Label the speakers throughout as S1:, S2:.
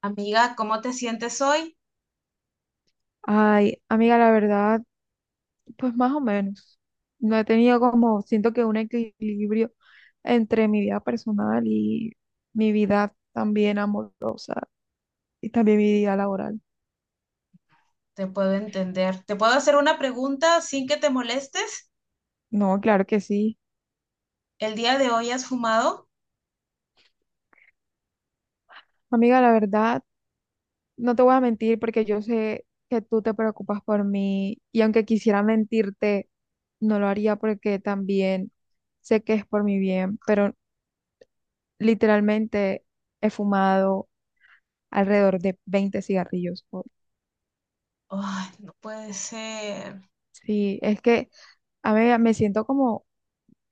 S1: Amiga, ¿cómo te sientes hoy?
S2: Ay, amiga, la verdad, pues más o menos. No he tenido como, siento que un equilibrio entre mi vida personal y mi vida también amorosa y también mi vida laboral.
S1: Te puedo entender. ¿Te puedo hacer una pregunta sin que te molestes?
S2: No, claro que sí.
S1: ¿El día de hoy has fumado?
S2: Amiga, la verdad, no te voy a mentir porque yo sé que tú te preocupas por mí y aunque quisiera mentirte, no lo haría porque también sé que es por mi bien, pero literalmente he fumado alrededor de 20 cigarrillos hoy.
S1: Ay, no puede ser.
S2: Sí, es que, a ver, me siento como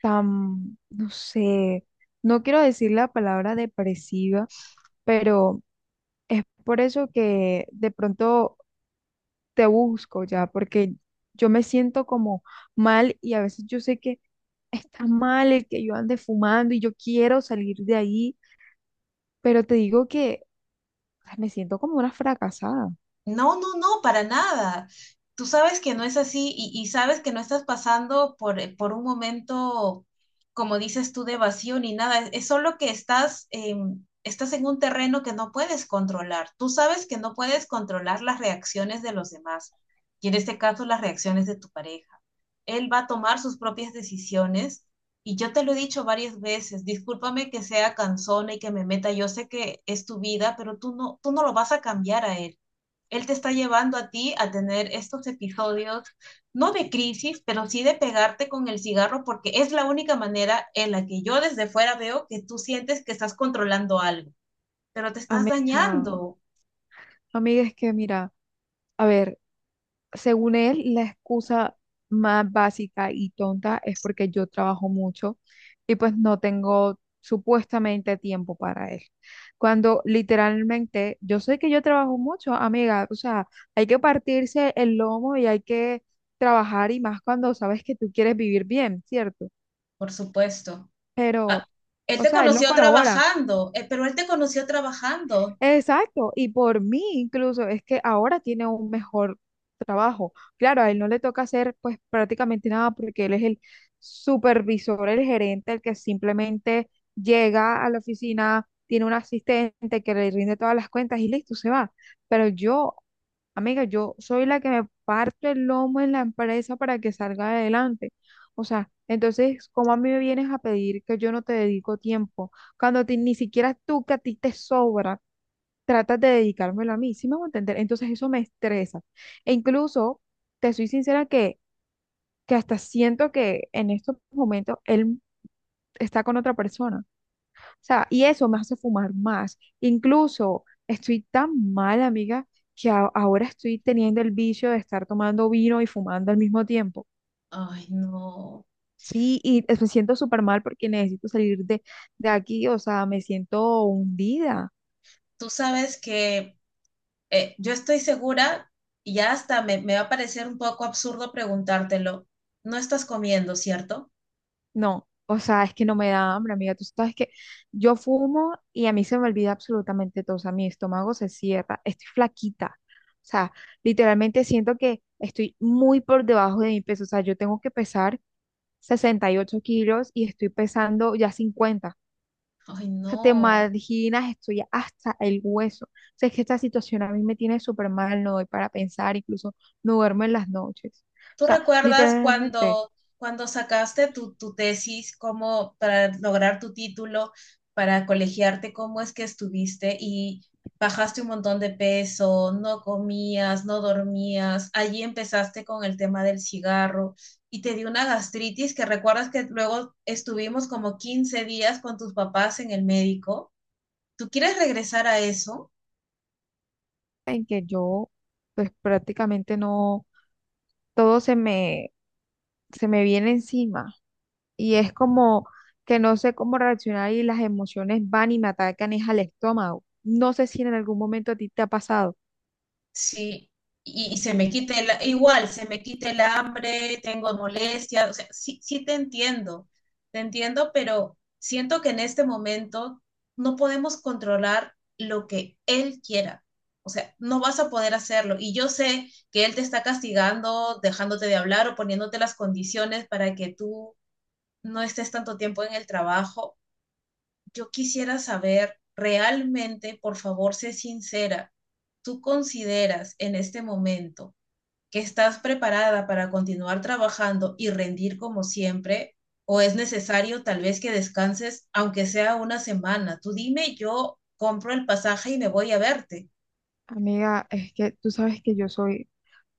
S2: tan, no sé, no quiero decir la palabra depresiva, pero es por eso que de pronto te busco ya, porque yo me siento como mal y a veces yo sé que está mal el que yo ande fumando y yo quiero salir de ahí, pero te digo que me siento como una fracasada.
S1: No, no, no, para nada. Tú sabes que no es así y sabes que no estás pasando por un momento, como dices tú, de vacío ni nada. Es solo que estás, estás en un terreno que no puedes controlar. Tú sabes que no puedes controlar las reacciones de los demás y en este caso las reacciones de tu pareja. Él va a tomar sus propias decisiones y yo te lo he dicho varias veces. Discúlpame que sea cansona y que me meta. Yo sé que es tu vida, pero tú no lo vas a cambiar a él. Él te está llevando a ti a tener estos episodios, no de crisis, pero sí de pegarte con el cigarro, porque es la única manera en la que yo desde fuera veo que tú sientes que estás controlando algo, pero te estás
S2: Amiga,
S1: dañando,
S2: amiga, es que mira. A ver, según él, la excusa más básica y tonta es porque yo trabajo mucho y pues no tengo supuestamente tiempo para él. Cuando literalmente, yo sé que yo trabajo mucho, amiga, o sea, hay que partirse el lomo y hay que trabajar y más cuando sabes que tú quieres vivir bien, ¿cierto?
S1: por supuesto.
S2: Pero,
S1: Ah, él
S2: o
S1: te
S2: sea, él no
S1: conoció
S2: colabora.
S1: trabajando, pero él te conoció trabajando.
S2: Exacto, y por mí incluso es que ahora tiene un mejor trabajo. Claro, a él no le toca hacer pues prácticamente nada porque él es el supervisor, el gerente, el que simplemente llega a la oficina, tiene un asistente que le rinde todas las cuentas y listo, se va. Pero yo, amiga, yo soy la que me parto el lomo en la empresa para que salga adelante. O sea, entonces, ¿cómo a mí me vienes a pedir que yo no te dedico tiempo cuando a ti- ni siquiera tú que a ti te sobra? Tratas de dedicármelo a mí, ¿sí me voy a entender? Entonces eso me estresa. E incluso, te soy sincera que, hasta siento que en estos momentos él está con otra persona. O sea, y eso me hace fumar más. Incluso estoy tan mal, amiga, que ahora estoy teniendo el vicio de estar tomando vino y fumando al mismo tiempo.
S1: Ay, no.
S2: Sí, y me siento súper mal porque necesito salir de aquí, o sea, me siento hundida.
S1: Tú sabes que yo estoy segura, y ya hasta me va a parecer un poco absurdo preguntártelo, no estás comiendo, ¿cierto?
S2: No, o sea, es que no me da hambre, amiga. Tú sabes que yo fumo y a mí se me olvida absolutamente todo. O sea, mi estómago se cierra. Estoy flaquita. O sea, literalmente siento que estoy muy por debajo de mi peso. O sea, yo tengo que pesar 68 kilos y estoy pesando ya 50.
S1: Ay,
S2: O sea, te
S1: no.
S2: imaginas, estoy hasta el hueso. O sea, es que esta situación a mí me tiene súper mal. No doy para pensar, incluso no duermo en las noches. O
S1: ¿Tú
S2: sea,
S1: recuerdas
S2: literalmente
S1: cuando, cuando sacaste tu tesis, cómo para lograr tu título, para colegiarte, cómo es que estuviste y bajaste un montón de peso, no comías, no dormías, allí empezaste con el tema del cigarro y te dio una gastritis que recuerdas que luego estuvimos como 15 días con tus papás en el médico? ¿Tú quieres regresar a eso?
S2: en que yo, pues prácticamente no. Todo se me viene encima y es como que no sé cómo reaccionar y las emociones van y me atacan es al estómago. No sé si en algún momento a ti te ha pasado.
S1: Sí, y se me quita el, igual, se me quita el hambre, tengo molestias, o sea, sí, sí te entiendo, pero siento que en este momento no podemos controlar lo que él quiera. O sea, no vas a poder hacerlo. Y yo sé que él te está castigando, dejándote de hablar o poniéndote las condiciones para que tú no estés tanto tiempo en el trabajo. Yo quisiera saber realmente, por favor, sé sincera, ¿tú consideras en este momento que estás preparada para continuar trabajando y rendir como siempre? ¿O es necesario tal vez que descanses, aunque sea una semana? Tú dime, yo compro el pasaje y me voy a verte.
S2: Amiga, es que tú sabes que yo soy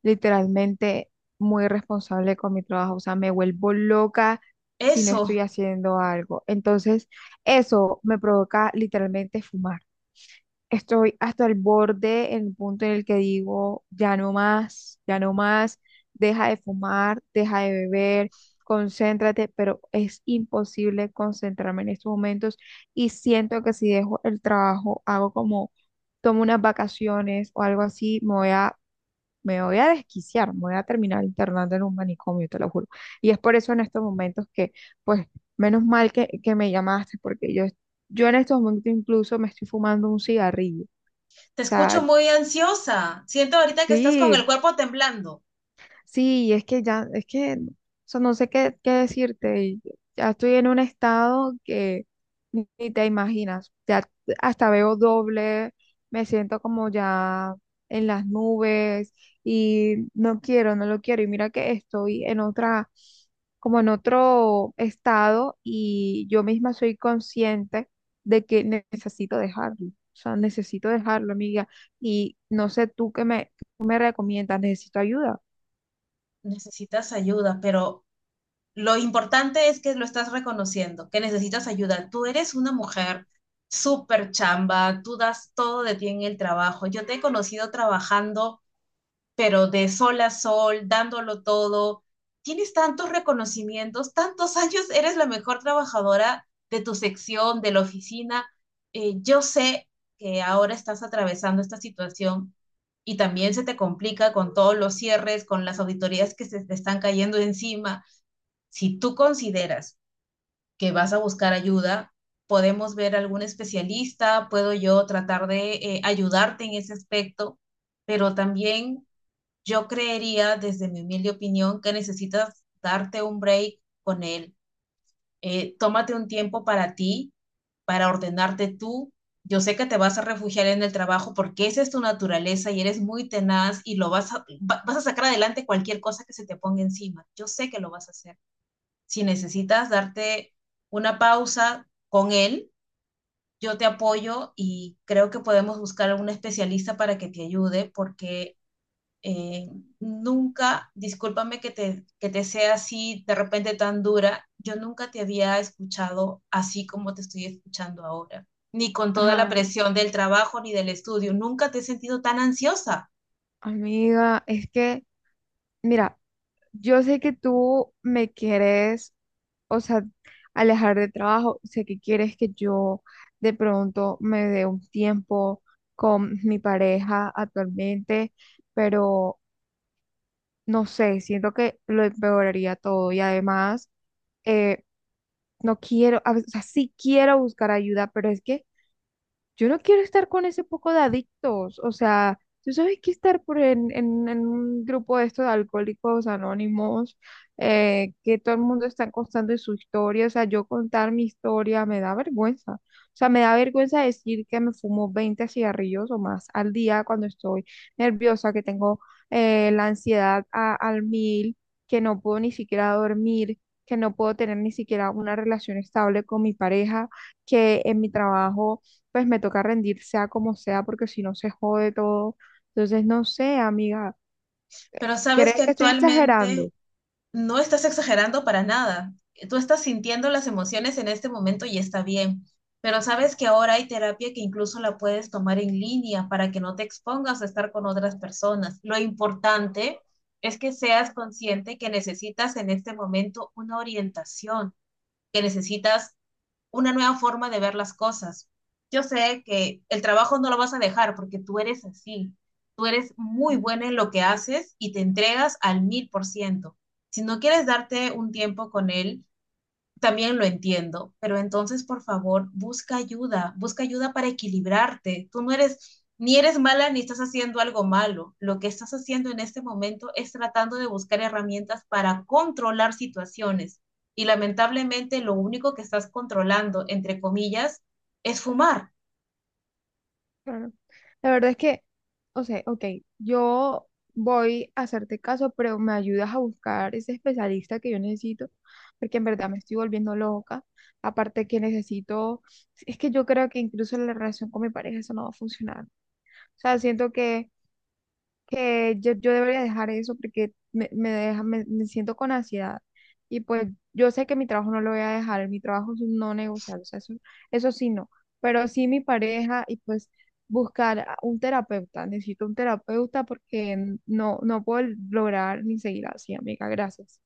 S2: literalmente muy responsable con mi trabajo, o sea, me vuelvo loca si no estoy
S1: Eso,
S2: haciendo algo. Entonces, eso me provoca literalmente fumar. Estoy hasta el borde, en el punto en el que digo, ya no más, deja de fumar, deja de beber, concéntrate, pero es imposible concentrarme en estos momentos y siento que si dejo el trabajo, hago como, tomo unas vacaciones o algo así, me voy a desquiciar, me voy a terminar internando en un manicomio, te lo juro. Y es por eso en estos momentos que, pues, menos mal que, me llamaste, porque yo... Yo en estos momentos incluso me estoy fumando un cigarrillo
S1: te escucho
S2: sea,
S1: muy ansiosa. Siento ahorita que estás con el
S2: sí,
S1: cuerpo temblando.
S2: sí, y es que ya, es que, o sea, no sé qué decirte. Y ya estoy en un estado que ni te imaginas. Ya hasta veo doble, me siento como ya en las nubes y no quiero, no lo quiero. Y mira que estoy en otra, como en otro estado y yo misma soy consciente de que necesito dejarlo. O sea, necesito dejarlo, amiga. Y no sé tú qué me recomiendas, necesito ayuda.
S1: Necesitas ayuda, pero lo importante es que lo estás reconociendo, que necesitas ayuda. Tú eres una mujer súper chamba, tú das todo de ti en el trabajo. Yo te he conocido trabajando, pero de sol a sol, dándolo todo. Tienes tantos reconocimientos, tantos años, eres la mejor trabajadora de tu sección, de la oficina. Yo sé que ahora estás atravesando esta situación y también se te complica con todos los cierres, con las auditorías que se te están cayendo encima. Si tú consideras que vas a buscar ayuda, podemos ver algún especialista, puedo yo tratar de ayudarte en ese aspecto, pero también yo creería, desde mi humilde opinión, que necesitas darte un break con él. Tómate un tiempo para ti, para ordenarte tú. Yo sé que te vas a refugiar en el trabajo porque esa es tu naturaleza y eres muy tenaz y lo vas a, vas a sacar adelante cualquier cosa que se te ponga encima. Yo sé que lo vas a hacer. Si necesitas darte una pausa con él, yo te apoyo y creo que podemos buscar a un especialista para que te ayude porque eh, nunca, discúlpame que te sea así de repente tan dura, yo nunca te había escuchado así como te estoy escuchando ahora, ni con toda la
S2: Ajá,
S1: presión del trabajo ni del estudio, nunca te he sentido tan ansiosa.
S2: amiga, es que, mira, yo sé que tú me quieres, o sea, alejar de trabajo, sé que quieres que yo de pronto me dé un tiempo con mi pareja actualmente, pero no sé, siento que lo empeoraría todo y además eh, no quiero, o sea, sí quiero buscar ayuda, pero es que yo no quiero estar con ese poco de adictos. O sea, tú sabes que estar por en un grupo de estos de alcohólicos anónimos, que todo el mundo está contando su historia. O sea, yo contar mi historia me da vergüenza. O sea, me da vergüenza decir que me fumo 20 cigarrillos o más al día cuando estoy nerviosa, que tengo la ansiedad al 1000, que no puedo ni siquiera dormir, que no puedo tener ni siquiera una relación estable con mi pareja, que en mi trabajo pues me toca rendir sea como sea, porque si no se jode todo. Entonces, no sé, amiga,
S1: Pero sabes
S2: ¿crees
S1: que
S2: que estoy
S1: actualmente
S2: exagerando?
S1: no estás exagerando para nada. Tú estás sintiendo las emociones en este momento y está bien. Pero sabes que ahora hay terapia que incluso la puedes tomar en línea para que no te expongas a estar con otras personas. Lo importante es que seas consciente que necesitas en este momento una orientación, que necesitas una nueva forma de ver las cosas. Yo sé que el trabajo no lo vas a dejar porque tú eres así. Tú eres muy
S2: No,
S1: buena en lo que haces y te entregas al 1000%. Si no quieres darte un tiempo con él, también lo entiendo, pero entonces, por favor, busca ayuda para equilibrarte. Tú no eres, ni eres mala ni estás haciendo algo malo. Lo que estás haciendo en este momento es tratando de buscar herramientas para controlar situaciones. Y lamentablemente lo único que estás controlando, entre comillas, es fumar.
S2: claro. La verdad es que, o sea, ok, yo voy a hacerte caso, pero me ayudas a buscar ese especialista que yo necesito, porque en verdad me estoy volviendo loca. Aparte que necesito, es que yo creo que incluso la relación con mi pareja eso no va a funcionar. O sea, siento que que yo debería dejar eso porque me deja, me siento con ansiedad. Y pues yo sé que mi trabajo no lo voy a dejar, mi trabajo es un no negociable, o sea, eso sí no, pero sí mi pareja y pues buscar a un terapeuta, necesito un terapeuta porque no, no puedo lograr ni seguir así, amiga, gracias.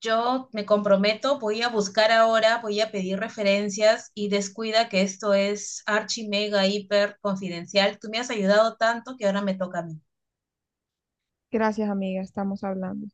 S1: Yo me comprometo, voy a buscar ahora, voy a pedir referencias y descuida que esto es archi mega hiper confidencial. Tú me has ayudado tanto que ahora me toca a mí.
S2: Gracias, amiga, estamos hablando.